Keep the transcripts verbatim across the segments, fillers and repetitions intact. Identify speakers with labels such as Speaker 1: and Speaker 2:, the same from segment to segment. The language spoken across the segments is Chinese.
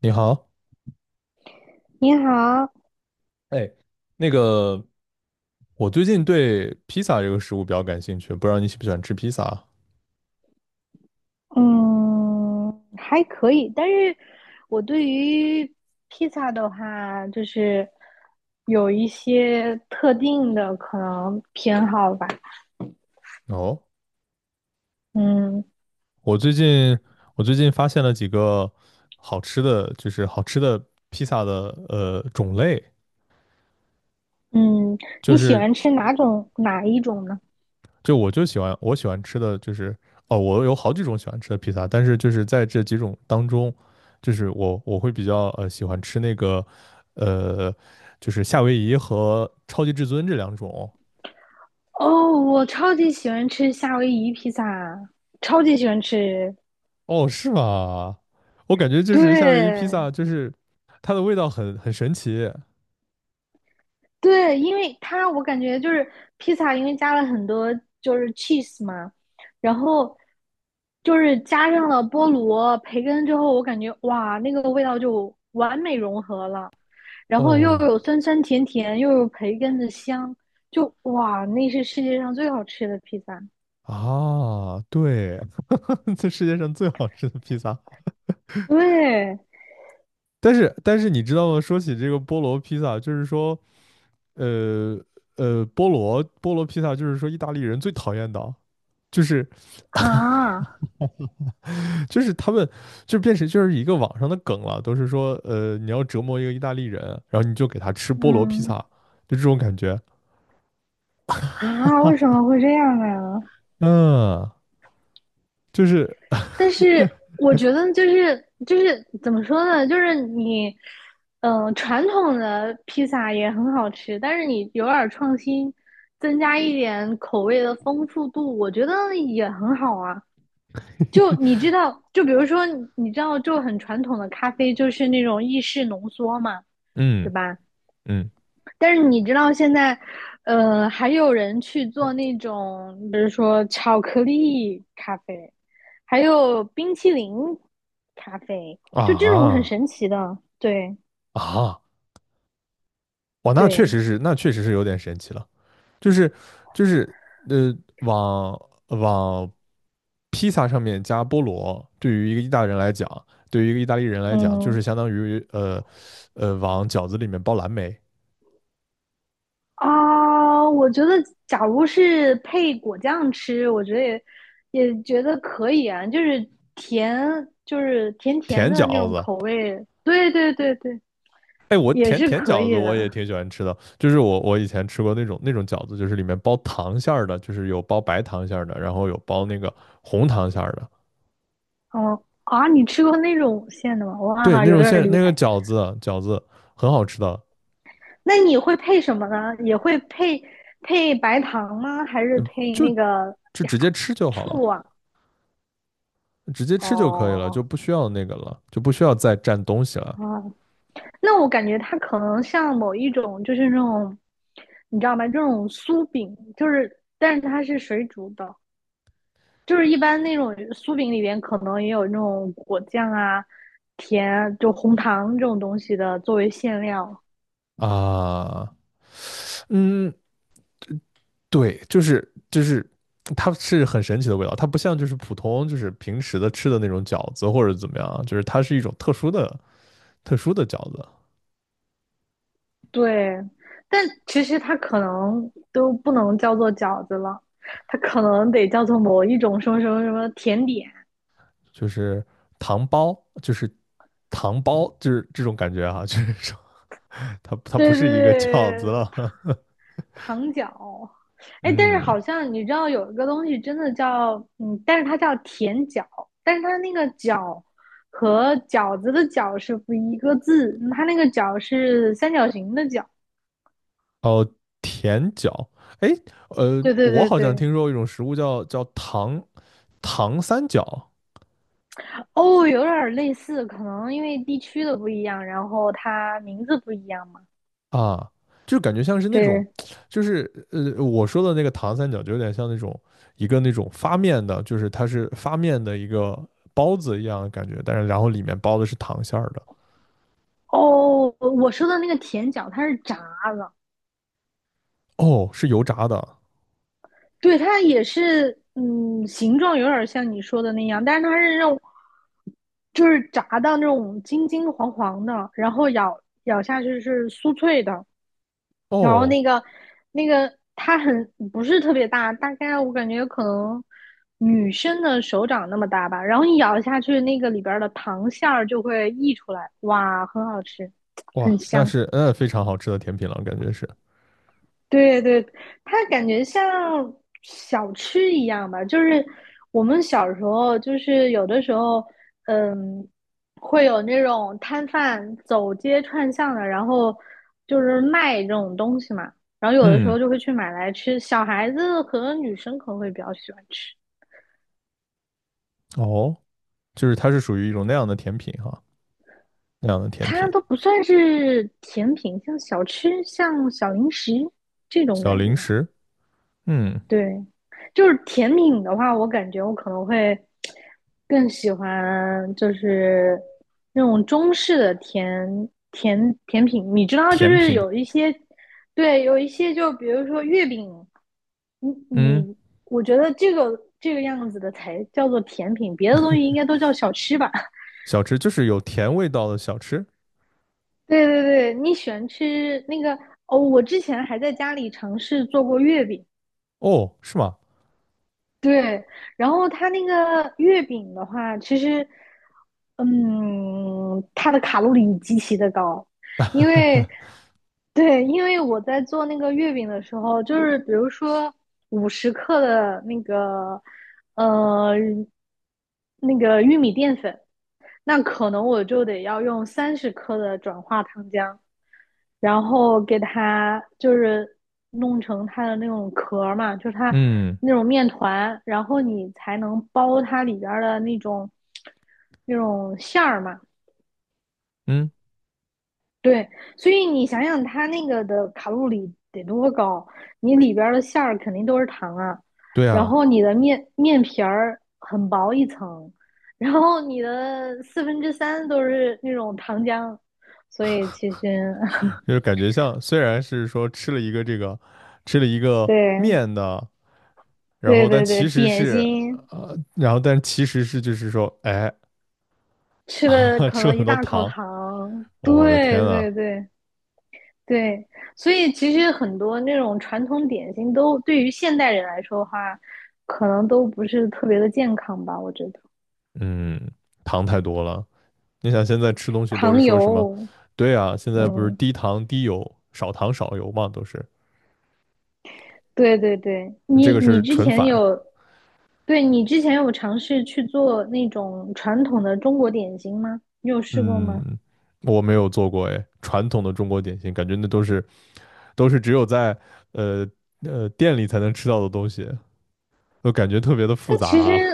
Speaker 1: 你好，
Speaker 2: 你好，
Speaker 1: 哎，那个，我最近对披萨这个食物比较感兴趣，不知道你喜不喜欢吃披萨啊？
Speaker 2: 嗯，还可以，但是我对于披萨的话，就是有一些特定的可能偏好吧。
Speaker 1: 哦，
Speaker 2: 嗯
Speaker 1: 我最近我最近发现了几个好吃的，就是好吃的披萨的呃种类。
Speaker 2: 嗯，
Speaker 1: 就
Speaker 2: 你喜
Speaker 1: 是
Speaker 2: 欢吃哪种哪一种呢？
Speaker 1: 就我就喜欢我喜欢吃的就是，哦，我有好几种喜欢吃的披萨，但是就是在这几种当中，就是我我会比较呃喜欢吃那个呃就是夏威夷和超级至尊这两种。
Speaker 2: 哦，我超级喜欢吃夏威夷披萨，超级喜欢吃。
Speaker 1: 哦，是吗？我感觉就是夏威夷披
Speaker 2: 对，
Speaker 1: 萨，就是它的味道很很神奇。
Speaker 2: 对，因为它我感觉就是披萨，因为加了很多就是 cheese 嘛，然后就是加上了菠萝、培根之后，我感觉哇，那个味道就完美融合了，然后又
Speaker 1: 哦，
Speaker 2: 有酸酸甜甜，又有培根的香，就哇，那是世界上最好吃的披萨。
Speaker 1: 啊，对，这世界上最好吃的披萨。
Speaker 2: 对
Speaker 1: 但是但是你知道吗？说起这个菠萝披萨，就是说，呃呃，菠萝菠萝披萨就是说意大利人最讨厌的，就是
Speaker 2: 啊，
Speaker 1: 就是他们就变成就是一个网上的梗了，都是说，呃，你要折磨一个意大利人，然后你就给他吃菠萝披
Speaker 2: 嗯
Speaker 1: 萨，就这种感觉。
Speaker 2: 啊，为什么会这样呢？
Speaker 1: 嗯，就是
Speaker 2: 但是我觉得就是就是怎么说呢，就是你，嗯、传统的披萨也很好吃，但是你有点儿创新，增加一点口味的丰富度，我觉得也很好啊。就你知道，就比如说你你知道，就很传统的咖啡就是那种意式浓缩嘛，对
Speaker 1: 嗯。
Speaker 2: 吧？
Speaker 1: 嗯
Speaker 2: 但是你知道现在，呃，还有人去做那种，比如说巧克力咖啡。还有冰淇淋咖啡，就这种很
Speaker 1: 啊
Speaker 2: 神奇的。对
Speaker 1: 啊哇，那确
Speaker 2: 对，
Speaker 1: 实是，那确实是有点神奇了。就是就是呃，往往披萨上面加菠萝，对于一个意大利人来讲，对于一个意大利人来讲，就
Speaker 2: 嗯
Speaker 1: 是相当于呃呃往饺子里面包蓝莓，
Speaker 2: 啊，我觉得假如是配果酱吃，我觉得也也觉得可以啊，就是甜，就是甜甜
Speaker 1: 甜
Speaker 2: 的那
Speaker 1: 饺
Speaker 2: 种
Speaker 1: 子。
Speaker 2: 口味。对对对对，
Speaker 1: 哎，我
Speaker 2: 也
Speaker 1: 甜
Speaker 2: 是
Speaker 1: 甜
Speaker 2: 可
Speaker 1: 饺子
Speaker 2: 以
Speaker 1: 我
Speaker 2: 的。
Speaker 1: 也挺喜欢吃的，就是我我以前吃过那种那种饺子，就是里面包糖馅儿的，就是有包白糖馅儿的，然后有包那个红糖馅儿的。
Speaker 2: 哦啊，你吃过那种馅的吗？
Speaker 1: 对，
Speaker 2: 哇，
Speaker 1: 那
Speaker 2: 有
Speaker 1: 种
Speaker 2: 点
Speaker 1: 现那
Speaker 2: 厉
Speaker 1: 个
Speaker 2: 害。
Speaker 1: 饺子饺子很好吃的，
Speaker 2: 那你会配什么呢？也会配配白糖吗？还是配
Speaker 1: 就
Speaker 2: 那个
Speaker 1: 就
Speaker 2: 呀
Speaker 1: 直接吃就好了，
Speaker 2: 醋啊？
Speaker 1: 直接吃就可以了，就
Speaker 2: 哦，
Speaker 1: 不需要那个了，就不需要再蘸东西了
Speaker 2: 啊，那我感觉它可能像某一种，就是那种，你知道吗？这种酥饼，就是，但是它是水煮的，就是一般那种酥饼里边可能也有那种果酱啊、甜啊就红糖这种东西的作为馅料。
Speaker 1: 啊。嗯，对，就是就是它是很神奇的味道，它不像就是普通，就是平时的吃的那种饺子或者怎么样啊，就是它是一种特殊的特殊的饺子，
Speaker 2: 对，但其实它可能都不能叫做饺子了，它可能得叫做某一种什么什么什么甜点。
Speaker 1: 就是糖包。就是糖包，就是这种感觉哈，啊，就是说它它不
Speaker 2: 对对
Speaker 1: 是一个饺子
Speaker 2: 对，
Speaker 1: 了。
Speaker 2: 糖角，哎，但是
Speaker 1: 嗯，
Speaker 2: 好像你知道有一个东西真的叫，嗯，但是它叫甜角，但是它那个角和饺子的饺是不一个字，它那个角是三角形的角。
Speaker 1: 哦，甜角，哎，呃，
Speaker 2: 对对
Speaker 1: 我
Speaker 2: 对
Speaker 1: 好像
Speaker 2: 对，
Speaker 1: 听说过一种食物叫叫糖糖三角
Speaker 2: 哦，有点儿类似，可能因为地区的不一样，然后它名字不一样嘛。
Speaker 1: 啊，就感觉像是那种，
Speaker 2: 对，
Speaker 1: 就是呃，我说的那个糖三角就有点像那种一个那种发面的，就是它是发面的一个包子一样的感觉，但是然后里面包的是糖馅儿的。
Speaker 2: 哦，我说的那个甜角它是炸的，
Speaker 1: 哦，是油炸的。
Speaker 2: 对，它也是，嗯，形状有点像你说的那样，但是它是那种，就是炸到那种金金黄黄的，然后咬咬下去是酥脆的，然后
Speaker 1: 哦，
Speaker 2: 那个那个它很不是特别大，大概我感觉可能女生的手掌那么大吧，然后你咬下去，那个里边儿的糖馅儿就会溢出来，哇，很好吃，很
Speaker 1: 哇，那
Speaker 2: 香。
Speaker 1: 是嗯非常好吃的甜品了，感觉是。
Speaker 2: 对对，它感觉像小吃一样吧，就是我们小时候，就是有的时候，嗯，会有那种摊贩走街串巷的，然后就是卖这种东西嘛，然后有的时
Speaker 1: 嗯，
Speaker 2: 候就会去买来吃。小孩子和女生可能会比较喜欢吃，
Speaker 1: 哦，就是它是属于一种那样的甜品哈，那样的甜
Speaker 2: 它
Speaker 1: 品
Speaker 2: 都不算是甜品，像小吃，像小零食这种
Speaker 1: 小
Speaker 2: 感觉。
Speaker 1: 零食，嗯。
Speaker 2: 对，就是甜品的话，我感觉我可能会更喜欢就是那种中式的甜甜甜品。你知道，就
Speaker 1: 甜
Speaker 2: 是
Speaker 1: 品，
Speaker 2: 有一些，对，有一些就比如说月饼，你
Speaker 1: 嗯，
Speaker 2: 你，我觉得这个这个样子的才叫做甜品，别的东西应该都叫小吃吧。
Speaker 1: 小吃就是有甜味道的小吃。
Speaker 2: 对对对，你喜欢吃那个哦？我之前还在家里尝试做过月饼，
Speaker 1: 哦，是吗？
Speaker 2: 对，然后它那个月饼的话，其实，嗯，它的卡路里极其的高，因为，对，因为我在做那个月饼的时候，就是比如说五十克的那个，呃，那个玉米淀粉，那可能我就得要用三十克的转化糖浆，然后给它就是弄成它的那种壳嘛，就是它
Speaker 1: 嗯
Speaker 2: 那种面团，然后你才能包它里边的那种那种馅儿嘛。
Speaker 1: 嗯，
Speaker 2: 对，所以你想想它那个的卡路里得多高，你里边的馅儿肯定都是糖啊，
Speaker 1: 对
Speaker 2: 然
Speaker 1: 啊，
Speaker 2: 后你的面面皮儿很薄一层，然后你的四分之三都是那种糖浆，所以其实
Speaker 1: 就是感觉像虽然是说吃了一个这个，吃了一个
Speaker 2: 对，
Speaker 1: 面的，然
Speaker 2: 对
Speaker 1: 后但
Speaker 2: 对对，
Speaker 1: 其实
Speaker 2: 点
Speaker 1: 是
Speaker 2: 心
Speaker 1: 呃，然后但其实是就是说，哎，
Speaker 2: 吃了 可
Speaker 1: 吃了
Speaker 2: 能
Speaker 1: 很
Speaker 2: 一
Speaker 1: 多
Speaker 2: 大口
Speaker 1: 糖，
Speaker 2: 糖，
Speaker 1: 我的
Speaker 2: 对
Speaker 1: 天啊。
Speaker 2: 对对对，所以其实很多那种传统点心都对于现代人来说的话，可能都不是特别的健康吧，我觉得
Speaker 1: 嗯，糖太多了。你想现在吃东西都是
Speaker 2: 糖
Speaker 1: 说什么？
Speaker 2: 油，
Speaker 1: 对啊，现在不是
Speaker 2: 嗯，
Speaker 1: 低糖低油、少糖少油嘛，都是
Speaker 2: 对对对，
Speaker 1: 你这
Speaker 2: 你
Speaker 1: 个
Speaker 2: 你
Speaker 1: 是
Speaker 2: 之
Speaker 1: 纯
Speaker 2: 前
Speaker 1: 反。
Speaker 2: 有，对，你之前有尝试去做那种传统的中国点心吗？你有试过吗？
Speaker 1: 嗯，我没有做过哎，传统的中国点心，感觉那都是都是只有在呃呃店里才能吃到的东西，都感觉特别的复
Speaker 2: 但
Speaker 1: 杂
Speaker 2: 其实，
Speaker 1: 啊。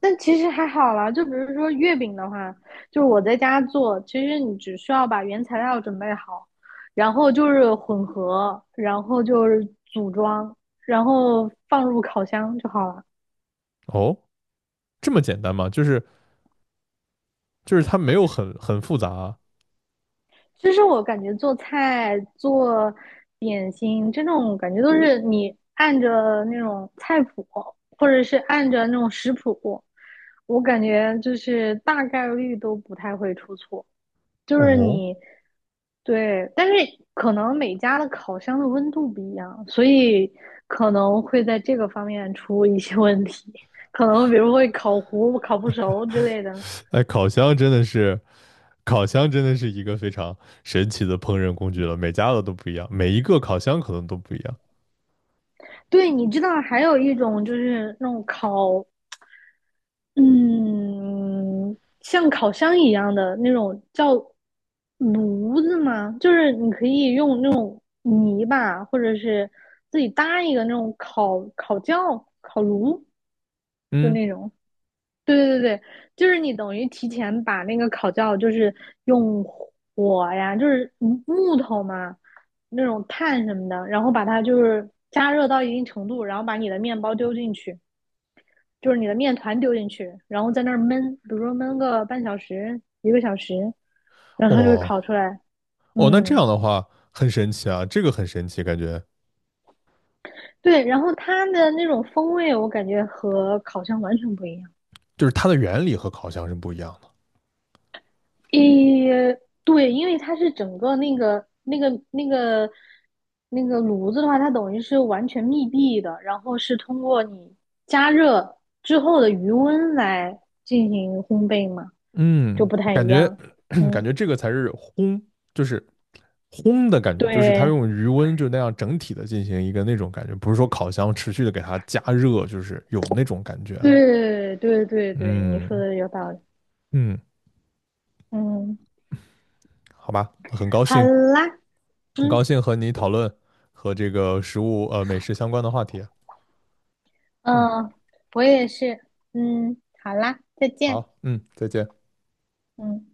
Speaker 2: 但其实还好啦。就比如说月饼的话，就是我在家做，其实你只需要把原材料准备好，然后就是混合，然后就是组装，然后放入烤箱就好了。
Speaker 1: 哦，这么简单吗？就是就是它没有很很复杂啊。
Speaker 2: 其实我感觉做菜、做点心这种感觉都是你按着那种菜谱，或者是按着那种食谱，我感觉就是大概率都不太会出错。就是
Speaker 1: 哦，
Speaker 2: 你对，但是可能每家的烤箱的温度不一样，所以可能会在这个方面出一些问题，可能比如会烤糊、烤不熟之类的。
Speaker 1: 哎，烤箱真的是烤箱真的是一个非常神奇的烹饪工具了，每家的都不一样，每一个烤箱可能都不一样。
Speaker 2: 对，你知道还有一种就是那种烤，嗯，像烤箱一样的那种叫炉子吗？就是你可以用那种泥巴，或者是自己搭一个那种烤烤窖、烤炉，就
Speaker 1: 嗯，
Speaker 2: 那种。对对对，对，就是你等于提前把那个烤窖，就是用火呀，就是木头嘛，那种炭什么的，然后把它就是加热到一定程度，然后把你的面包丢进去，就是你的面团丢进去，然后在那儿焖，比如说焖个半小时、一个小时，然后它就会
Speaker 1: 哦
Speaker 2: 烤出来。
Speaker 1: 哦，那这
Speaker 2: 嗯，
Speaker 1: 样的话很神奇啊，这个很神奇，感觉
Speaker 2: 对，然后它的那种风味，我感觉和烤箱完全不一样。
Speaker 1: 就是它的原理和烤箱是不一样的。
Speaker 2: 诶，对，因为它是整个那个那个那个那个炉子的话，它等于是完全密闭的，然后是通过你加热之后的余温来进行烘焙嘛，就
Speaker 1: 嗯，
Speaker 2: 不太
Speaker 1: 感
Speaker 2: 一
Speaker 1: 觉
Speaker 2: 样。
Speaker 1: 感
Speaker 2: 嗯，
Speaker 1: 觉这个才是烘，就是烘的感觉，就是它
Speaker 2: 对
Speaker 1: 用余温就那样整体的进行一个那种感觉，不是说烤箱持续的给它加热，就是有那种感觉啊。
Speaker 2: 对对对对，你说
Speaker 1: 嗯
Speaker 2: 的有道理。
Speaker 1: 嗯，
Speaker 2: 嗯，
Speaker 1: 好吧，很高
Speaker 2: 好
Speaker 1: 兴，
Speaker 2: 啦，
Speaker 1: 很
Speaker 2: 嗯
Speaker 1: 高兴和你讨论和这个食物呃美食相关的话题啊。嗯，
Speaker 2: 嗯，呃我也是。嗯，好啦，再见。
Speaker 1: 好，嗯，再见。
Speaker 2: 嗯。